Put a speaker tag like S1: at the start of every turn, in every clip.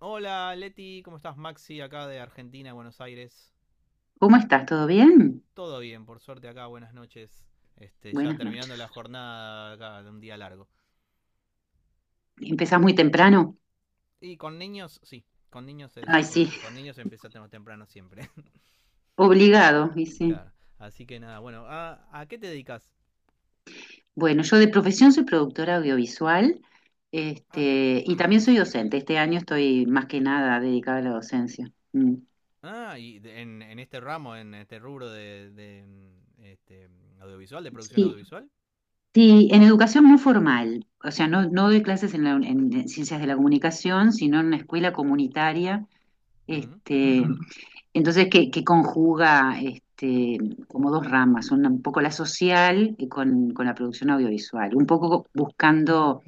S1: Hola Leti, ¿cómo estás? Maxi, acá de Argentina, Buenos Aires.
S2: ¿Cómo estás? ¿Todo bien?
S1: Todo bien, por suerte acá, buenas noches. Ya
S2: Buenas
S1: terminando la
S2: noches.
S1: jornada acá de un día largo.
S2: ¿Empezás muy temprano?
S1: Y con niños, sí, con niños
S2: Ay, sí,
S1: con niños empieza temprano siempre.
S2: obligado, y sí.
S1: Claro. Así que nada, bueno, ¿a qué te dedicas?
S2: Bueno, yo de profesión soy productora audiovisual,
S1: Ah, qué
S2: y también soy
S1: interesante.
S2: docente. Este año estoy más que nada dedicada a la docencia. Mm.
S1: Ah, y en este ramo, en este rubro de audiovisual, de producción
S2: Sí,
S1: audiovisual.
S2: sí, en educación no formal. O sea, no, no doy clases en, en ciencias de la comunicación, sino en una escuela comunitaria.
S1: Mm.
S2: este, Entonces, que conjuga, como dos ramas, una, un poco la social y con la producción audiovisual, un poco buscando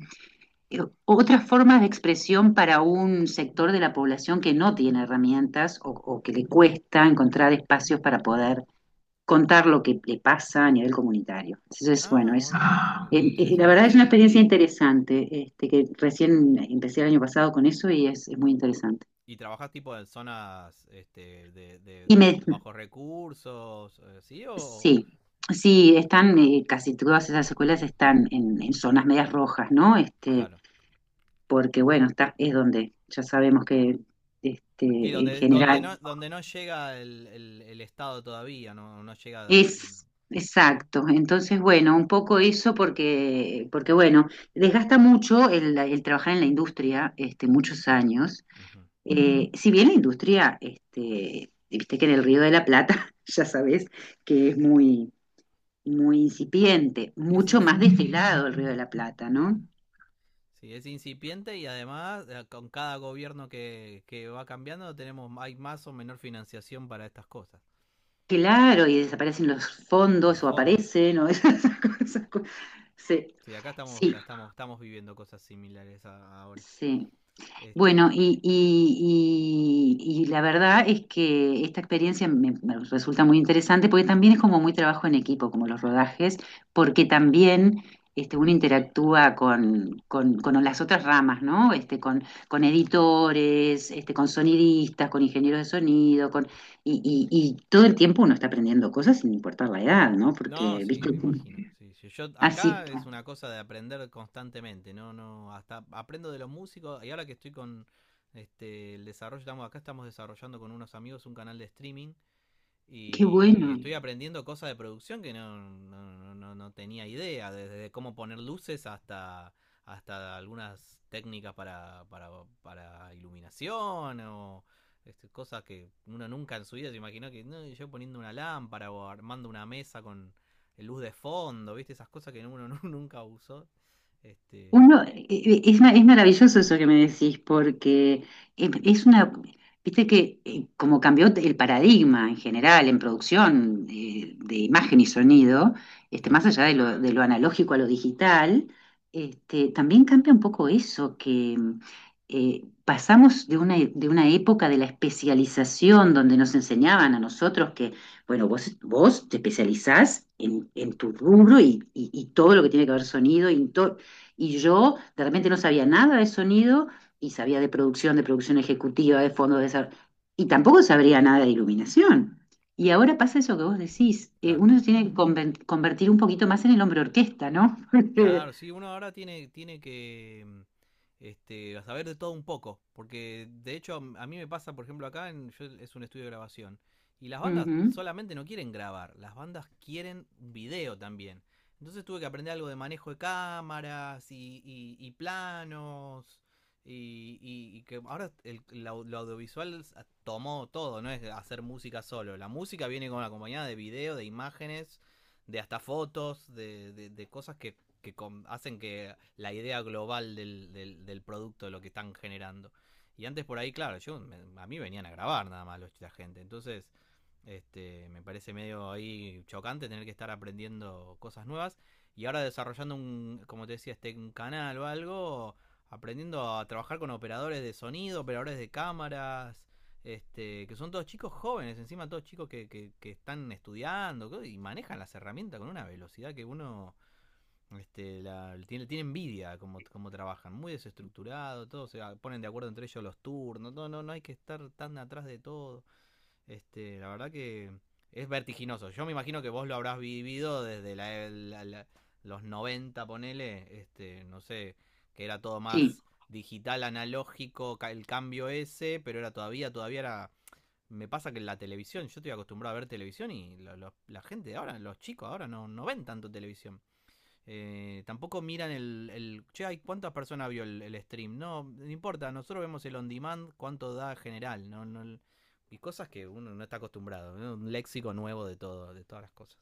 S2: otras formas de expresión para un sector de la población que no tiene herramientas o que le cuesta encontrar espacios para poder contar lo que le pasa a nivel comunitario. Entonces, bueno,
S1: Ah, bueno, es
S2: la verdad es una
S1: interesantísimo.
S2: experiencia interesante, que recién empecé el año pasado con eso y es muy interesante.
S1: ¿Y trabajas tipo en zonas
S2: Y
S1: de
S2: me
S1: bajos recursos, sí o
S2: Sí, sí, están, casi todas esas escuelas están en zonas medias rojas, ¿no?
S1: claro?
S2: Porque bueno, es donde ya sabemos que, este,
S1: Y
S2: en general,
S1: donde no llega el Estado todavía, no llega,
S2: es
S1: ¿no?
S2: exacto. Entonces, bueno, un poco eso porque bueno, desgasta mucho el trabajar en la industria, muchos años.
S1: Ujú.
S2: Si bien la industria, viste que en el Río de la Plata, ya sabes, que es muy muy incipiente,
S1: Es
S2: mucho
S1: ins-
S2: más destilado el Río de la Plata,
S1: claro.
S2: ¿no?
S1: Sí, es incipiente y además con cada gobierno que va cambiando tenemos hay más o menor financiación para estas cosas,
S2: Claro, y desaparecen los
S1: los
S2: fondos o
S1: fondos.
S2: aparecen, o esas cosas. Sí,
S1: Sí, acá estamos
S2: sí,
S1: la estamos estamos viviendo cosas similares ahora.
S2: sí.
S1: Este
S2: Bueno, y la verdad es que esta experiencia me resulta muy interesante porque también es como muy trabajo en equipo, como los rodajes, porque también, uno interactúa con las otras ramas, ¿no? Con editores, con sonidistas, con ingenieros de sonido, y todo el tiempo uno está aprendiendo cosas sin importar la edad, ¿no?
S1: No,
S2: Porque,
S1: sí,
S2: viste,
S1: me imagino. Sí, sí. Yo
S2: así,
S1: acá es una cosa de aprender constantemente, no, no, hasta aprendo de los músicos y ahora que estoy con el desarrollo, estamos desarrollando con unos amigos un canal de streaming
S2: qué
S1: y
S2: bueno.
S1: estoy aprendiendo cosas de producción que no tenía idea, desde cómo poner luces hasta, hasta algunas técnicas para iluminación o cosas que uno nunca en su vida se imaginó que no, yo poniendo una lámpara o armando una mesa con luz de fondo, ¿viste? Esas cosas que uno nunca usó. Este,
S2: Uno, es maravilloso eso que me decís, porque, es una, viste que, como cambió el paradigma en general en producción, de imagen y sonido,
S1: claro,
S2: más allá de lo analógico a lo digital, también cambia un poco eso, que, pasamos de una época de la especialización donde nos enseñaban a nosotros que, bueno, vos te especializás en tu rubro y, y todo lo que tiene que ver sonido y todo, y yo de repente no sabía nada de sonido y sabía de producción ejecutiva, de fondos de desarrollo, y tampoco sabría nada de iluminación. Y ahora pasa eso que vos decís,
S1: claro.
S2: uno se tiene que convertir un poquito más en el hombre orquesta, ¿no? Porque,
S1: Claro, sí, uno ahora tiene que saber de todo un poco, porque de hecho mí me pasa, por ejemplo, acá es un estudio de grabación, y las bandas
S2: ujú,
S1: solamente no quieren grabar, las bandas quieren un video también. Entonces tuve que aprender algo de manejo de cámaras y planos, y que ahora lo audiovisual tomó todo, no es hacer música solo, la música viene con acompañada de video, de imágenes, de hasta fotos, de cosas que con, hacen que la idea global del producto, de lo que están generando. Y antes por ahí, claro, a mí venían a grabar nada más los, la gente. Entonces, me parece medio ahí chocante tener que estar aprendiendo cosas nuevas. Y ahora desarrollando un, como te decía, un canal o algo, aprendiendo a trabajar con operadores de sonido, operadores de cámaras, que son todos chicos jóvenes, encima todos chicos que están estudiando y manejan las herramientas con una velocidad que uno tiene envidia como, como trabajan, muy desestructurado, todos se ponen de acuerdo entre ellos los turnos, no, no, no hay que estar tan atrás de todo. La verdad que es vertiginoso. Yo me imagino que vos lo habrás vivido desde los 90 ponele, no sé, que era todo
S2: sí,
S1: más digital, analógico, el cambio ese, pero era todavía, todavía era... Me pasa que la televisión, yo estoy acostumbrado a ver televisión y la gente de ahora, los chicos ahora no, no ven tanto televisión. Tampoco miran el, el. Che, ay, ¿cuántas personas vio el stream? No, no importa, nosotros vemos el on demand, cuánto da general. No, no, y cosas que uno no está acostumbrado, ¿no? Un léxico nuevo de todo, de todas las cosas.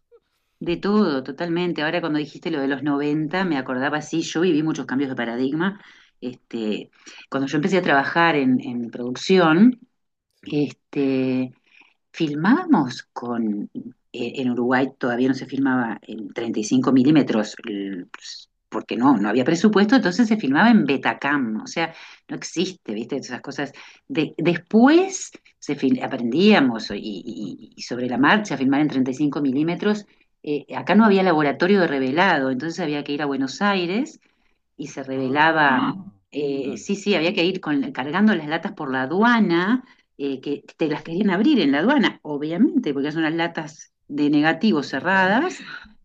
S2: de todo, totalmente. Ahora cuando dijiste lo de los 90 me acordaba, sí, yo viví muchos cambios de paradigma. Este, cuando yo empecé a trabajar en producción,
S1: Sí.
S2: este, filmábamos con, en Uruguay todavía no se filmaba en 35 milímetros. Pues, porque no, no había presupuesto, entonces se filmaba en Betacam, o sea, no existe, ¿viste? Esas cosas. Después aprendíamos, y, y sobre la marcha, a filmar en 35 milímetros. Acá no había laboratorio de revelado, entonces había que ir a Buenos Aires y se revelaba.
S1: Ah, claro.
S2: Sí, sí, había que ir cargando las latas por la aduana, que te las querían abrir en la aduana, obviamente, porque son las latas de negativo
S1: Ven, claro.
S2: cerradas,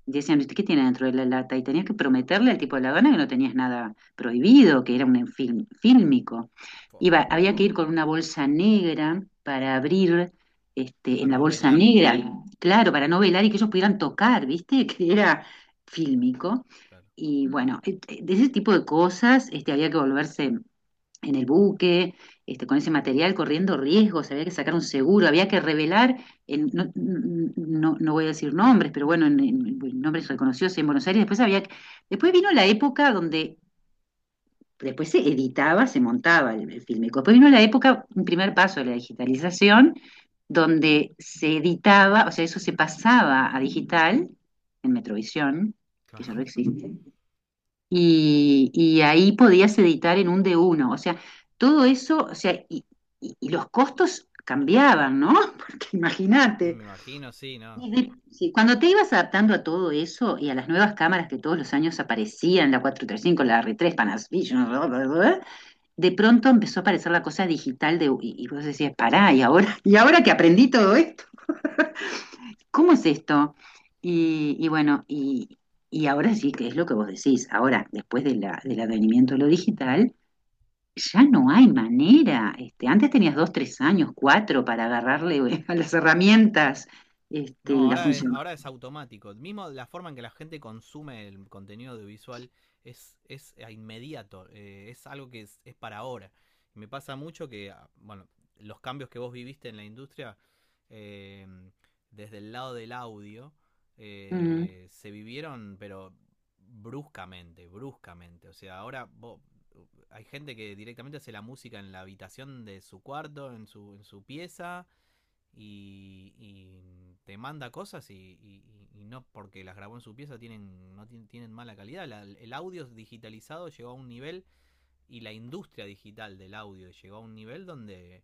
S2: y decían, ¿qué tiene dentro de la lata? Y tenías que prometerle al tipo de la gana que no tenías nada prohibido, que era un film, fílmico. Iba, había que ir con una bolsa negra para abrir, en
S1: Para
S2: la
S1: no
S2: bolsa
S1: velar.
S2: negra, claro, para no velar y que ellos pudieran tocar, ¿viste? Que era fílmico.
S1: Claro.
S2: Y bueno, de ese tipo de cosas, había que volverse en el buque, con ese material, corriendo riesgos, había que sacar un seguro, había que revelar, no, no, no voy a decir nombres, pero bueno, en, nombres reconocidos en Buenos Aires, después había, después vino la época donde, después se editaba, se montaba el filme. Después vino la época, un primer paso de la digitalización, donde se editaba, o sea, eso se pasaba a digital, en Metrovisión, que
S1: Claro.
S2: ya no existe, y ahí podías editar en un de uno. O sea, todo eso, o sea, y, y los costos cambiaban, ¿no? Porque imagínate.
S1: Me imagino, sí, no.
S2: Y sí, cuando te ibas adaptando a todo eso y a las nuevas cámaras que todos los años aparecían, la cuatro tres cinco, la r tres Panasonic, bla, bla, bla, de pronto empezó a aparecer la cosa digital, de, y vos decías, pará, ¿y ahora? ¿Y ahora que aprendí todo esto? ¿Cómo es esto? Y bueno, y ahora sí que es lo que vos decís, ahora, después de del advenimiento de lo digital, ya no hay manera. Antes tenías dos, tres años, cuatro para agarrarle, a las herramientas,
S1: No,
S2: la función.
S1: ahora es automático. Mismo la forma en que la gente consume el contenido audiovisual es inmediato, es algo es para ahora. Y me pasa mucho que, ah, bueno, los cambios que vos viviste en la industria, eh, desde el lado del audio,
S2: Mm.
S1: se vivieron, pero bruscamente, bruscamente. O sea, ahora hay gente que directamente hace la música en la habitación de su cuarto, en su pieza y te manda cosas y no porque las grabó en su pieza tienen, no tienen, tienen mala calidad. El audio digitalizado llegó a un nivel y la industria digital del audio llegó a un nivel donde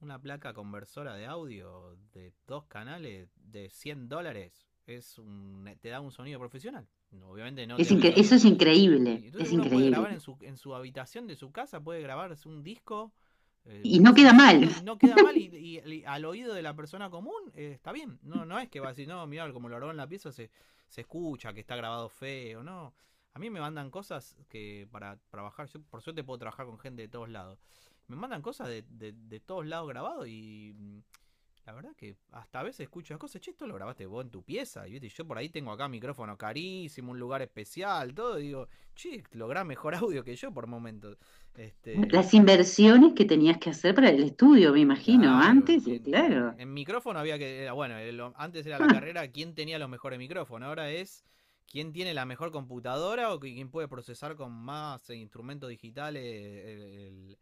S1: una placa conversora de audio de dos canales de 100 dólares es un, te da un sonido profesional. No, obviamente no te da un
S2: Eso
S1: sonido
S2: es increíble,
S1: y entonces
S2: es
S1: uno puede
S2: increíble.
S1: grabar en su habitación de su casa, puede grabarse un disco
S2: Y
S1: muy
S2: no queda
S1: sencillo
S2: mal.
S1: y no queda mal y al oído de la persona común está bien. No, no es que va a decir, no, mirá, como lo grabó en la pieza se escucha, que está grabado feo, no. A mí me mandan cosas que para trabajar, yo por suerte puedo trabajar con gente de todos lados. Me mandan cosas de todos lados grabado y mm, la verdad que hasta a veces escucho las cosas, che, esto lo grabaste vos en tu pieza. Y viste, yo por ahí tengo acá micrófono carísimo, un lugar especial, todo, y digo, che, lográs mejor audio que yo por momentos. Este,
S2: Las inversiones que tenías que hacer para el estudio, me imagino,
S1: claro,
S2: antes, y claro.
S1: en micrófono había que, bueno, antes era la carrera quién tenía los mejores micrófonos, ahora es quién tiene la mejor computadora o quién puede procesar con más instrumentos digitales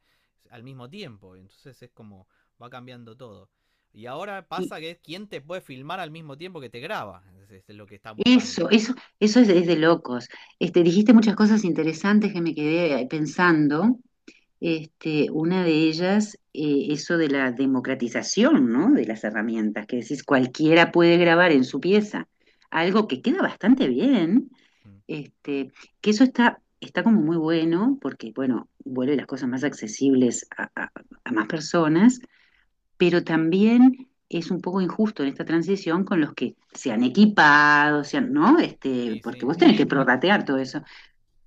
S1: al mismo tiempo. Entonces es como, va cambiando todo. Y ahora pasa que es quién te puede filmar al mismo tiempo que te graba, es lo que están buscando.
S2: Eso, eso, eso es de locos. Dijiste muchas cosas interesantes que me quedé, pensando. Una de ellas, eso de la democratización, ¿no? De las herramientas, que decís, cualquiera puede grabar en su pieza. Algo que queda bastante bien.
S1: Mm.
S2: Este, que eso está, está como muy bueno, porque, bueno, vuelve las cosas más accesibles a, a más personas, pero también es un poco injusto en esta transición con los que se han equipado, ¿no?
S1: Y
S2: Porque
S1: sí,
S2: vos tenés que prorratear todo eso.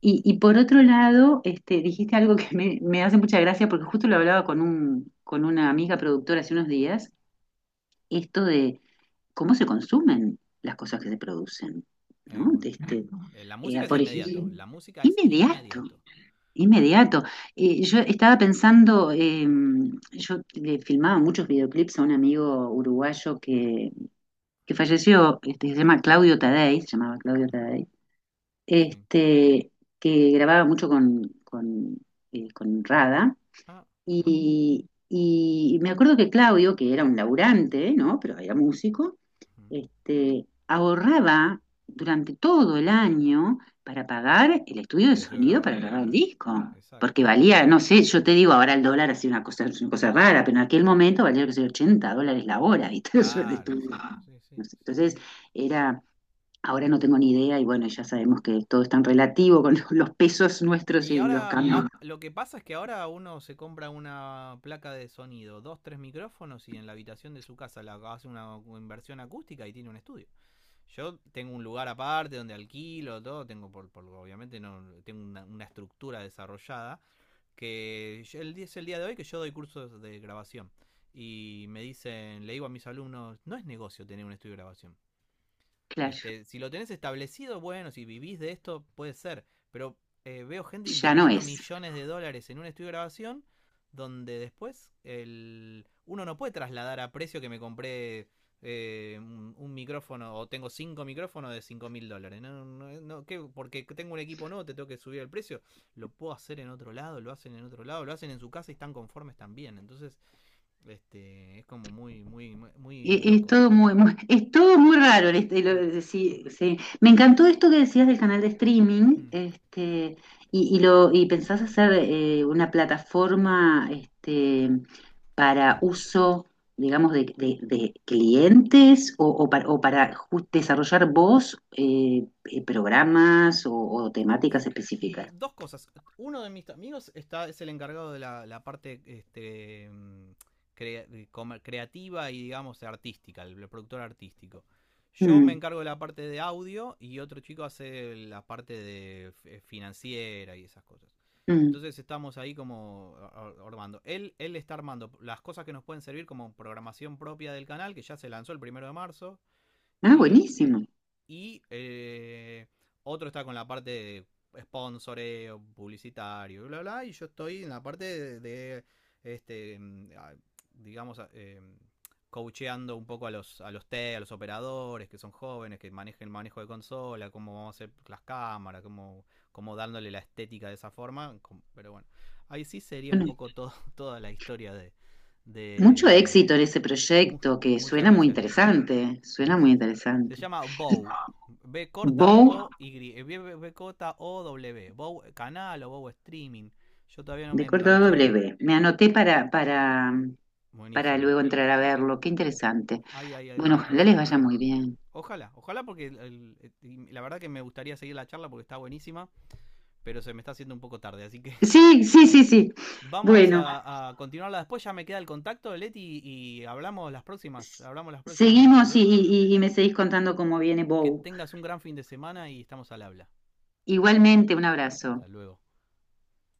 S2: Y por otro lado, dijiste algo que me hace mucha gracia, porque justo lo hablaba con un, con una amiga productora hace unos días, esto de cómo se consumen las cosas que se producen, ¿no?
S1: bueno, la música es
S2: Por
S1: inmediato,
S2: ejemplo,
S1: la música es
S2: inmediato.
S1: inmediato.
S2: Inmediato. Yo estaba pensando, yo le filmaba muchos videoclips a un amigo uruguayo que, falleció, se llama Claudio Tadei, se llamaba Claudio
S1: Ujú,
S2: Tadei,
S1: sí.
S2: este, que grababa mucho con, con Rada.
S1: Ah, mira.
S2: Y me acuerdo que Claudio, que era un laburante, ¿no? Pero era músico,
S1: Ujú.
S2: ahorraba durante todo el año para pagar el estudio de
S1: Ya yo
S2: sonido para
S1: grababa.
S2: grabar el
S1: Claro,
S2: disco.
S1: exacto.
S2: Porque valía, no sé, yo te digo, ahora el dólar ha sido una cosa rara, pero en aquel momento valía, que sé, $80 la hora, ¿viste? Eso de
S1: Claro,
S2: estudio.
S1: exacto. Sí, sí,
S2: No sé.
S1: sí.
S2: Entonces, era, ahora no tengo ni idea, y bueno, ya sabemos que todo es tan relativo con los pesos nuestros
S1: Y
S2: y los
S1: ahora, ah,
S2: cambios.
S1: lo que pasa es que ahora uno se compra una placa de sonido, dos, tres micrófonos y en la habitación de su casa la hace una inversión acústica y tiene un estudio. Yo tengo un lugar aparte donde alquilo, todo, tengo obviamente no tengo una estructura desarrollada, que es el día de hoy que yo doy cursos de grabación. Y me dicen, le digo a mis alumnos, no es negocio tener un estudio de grabación.
S2: Claro,
S1: Si lo tenés establecido, bueno, si vivís de esto, puede ser. Pero veo gente
S2: ya no
S1: invirtiendo
S2: es.
S1: millones de dólares en un estudio de grabación donde después el... uno no puede trasladar a precio que me compré un micrófono o tengo cinco micrófonos de 5.000 dólares. No, no, no, ¿qué? Porque tengo un equipo nuevo, te tengo que subir el precio. Lo puedo hacer en otro lado, lo hacen en otro lado, lo hacen en su casa y están conformes también. Entonces, es como muy, muy, muy, muy loco.
S2: Todo muy, es todo muy raro.
S1: Mm,
S2: Sí, sí. Me encantó esto que decías del canal de streaming,
S1: mm.
S2: y lo, y pensás hacer, una plataforma, para uso, digamos, de, de clientes, o para desarrollar vos, programas o
S1: Y
S2: temáticas específicas.
S1: dos cosas. Uno de mis amigos está, es el encargado de la parte cre- creativa y, digamos, artística, el productor artístico. Yo me
S2: Mm,
S1: encargo de la parte de audio y otro chico hace la parte de financiera y esas cosas.
S2: mm.
S1: Entonces estamos ahí como armando. Él está armando las cosas que nos pueden servir como programación propia del canal, que ya se lanzó el primero de marzo
S2: Ah,
S1: y, eh,
S2: buenísimo.
S1: y otro está con la parte de sponsoreo, publicitario, bla, bla, y yo estoy en la parte este, digamos, coacheando un poco a los, a los operadores que son jóvenes, que manejen el manejo de consola, cómo vamos a hacer las cámaras, cómo, cómo dándole la estética de esa forma. Pero bueno, ahí sí sería un
S2: Bueno,
S1: poco todo, toda la historia
S2: mucho
S1: de nuestro.
S2: éxito en ese proyecto que
S1: Muchas
S2: suena muy
S1: gracias, Leti.
S2: interesante, suena muy
S1: Gracias. Se
S2: interesante.
S1: llama Bow. B corta
S2: Bow
S1: O Y. B corta O W. Bow canal o Bow streaming. Yo todavía no
S2: de
S1: me
S2: corta
S1: enganché.
S2: W. Me anoté para
S1: Buenísimo.
S2: luego entrar a verlo. Qué interesante.
S1: Ahí hay
S2: Bueno,
S1: algunas
S2: ojalá les
S1: cositas
S2: vaya
S1: ahí.
S2: muy bien.
S1: Ojalá, ojalá porque la verdad que me gustaría seguir la charla porque está buenísima, pero se me está haciendo un poco tarde, así que
S2: Sí, sí, sí, sí.
S1: vamos
S2: Bueno,
S1: a continuarla después. Ya me queda el contacto de Leti y
S2: s-
S1: hablamos las próximas veces,
S2: seguimos,
S1: ¿eh?
S2: y, y me seguís contando cómo viene
S1: Que
S2: Bow.
S1: tengas un gran fin de semana y estamos al habla.
S2: Igualmente, un abrazo.
S1: Hasta luego.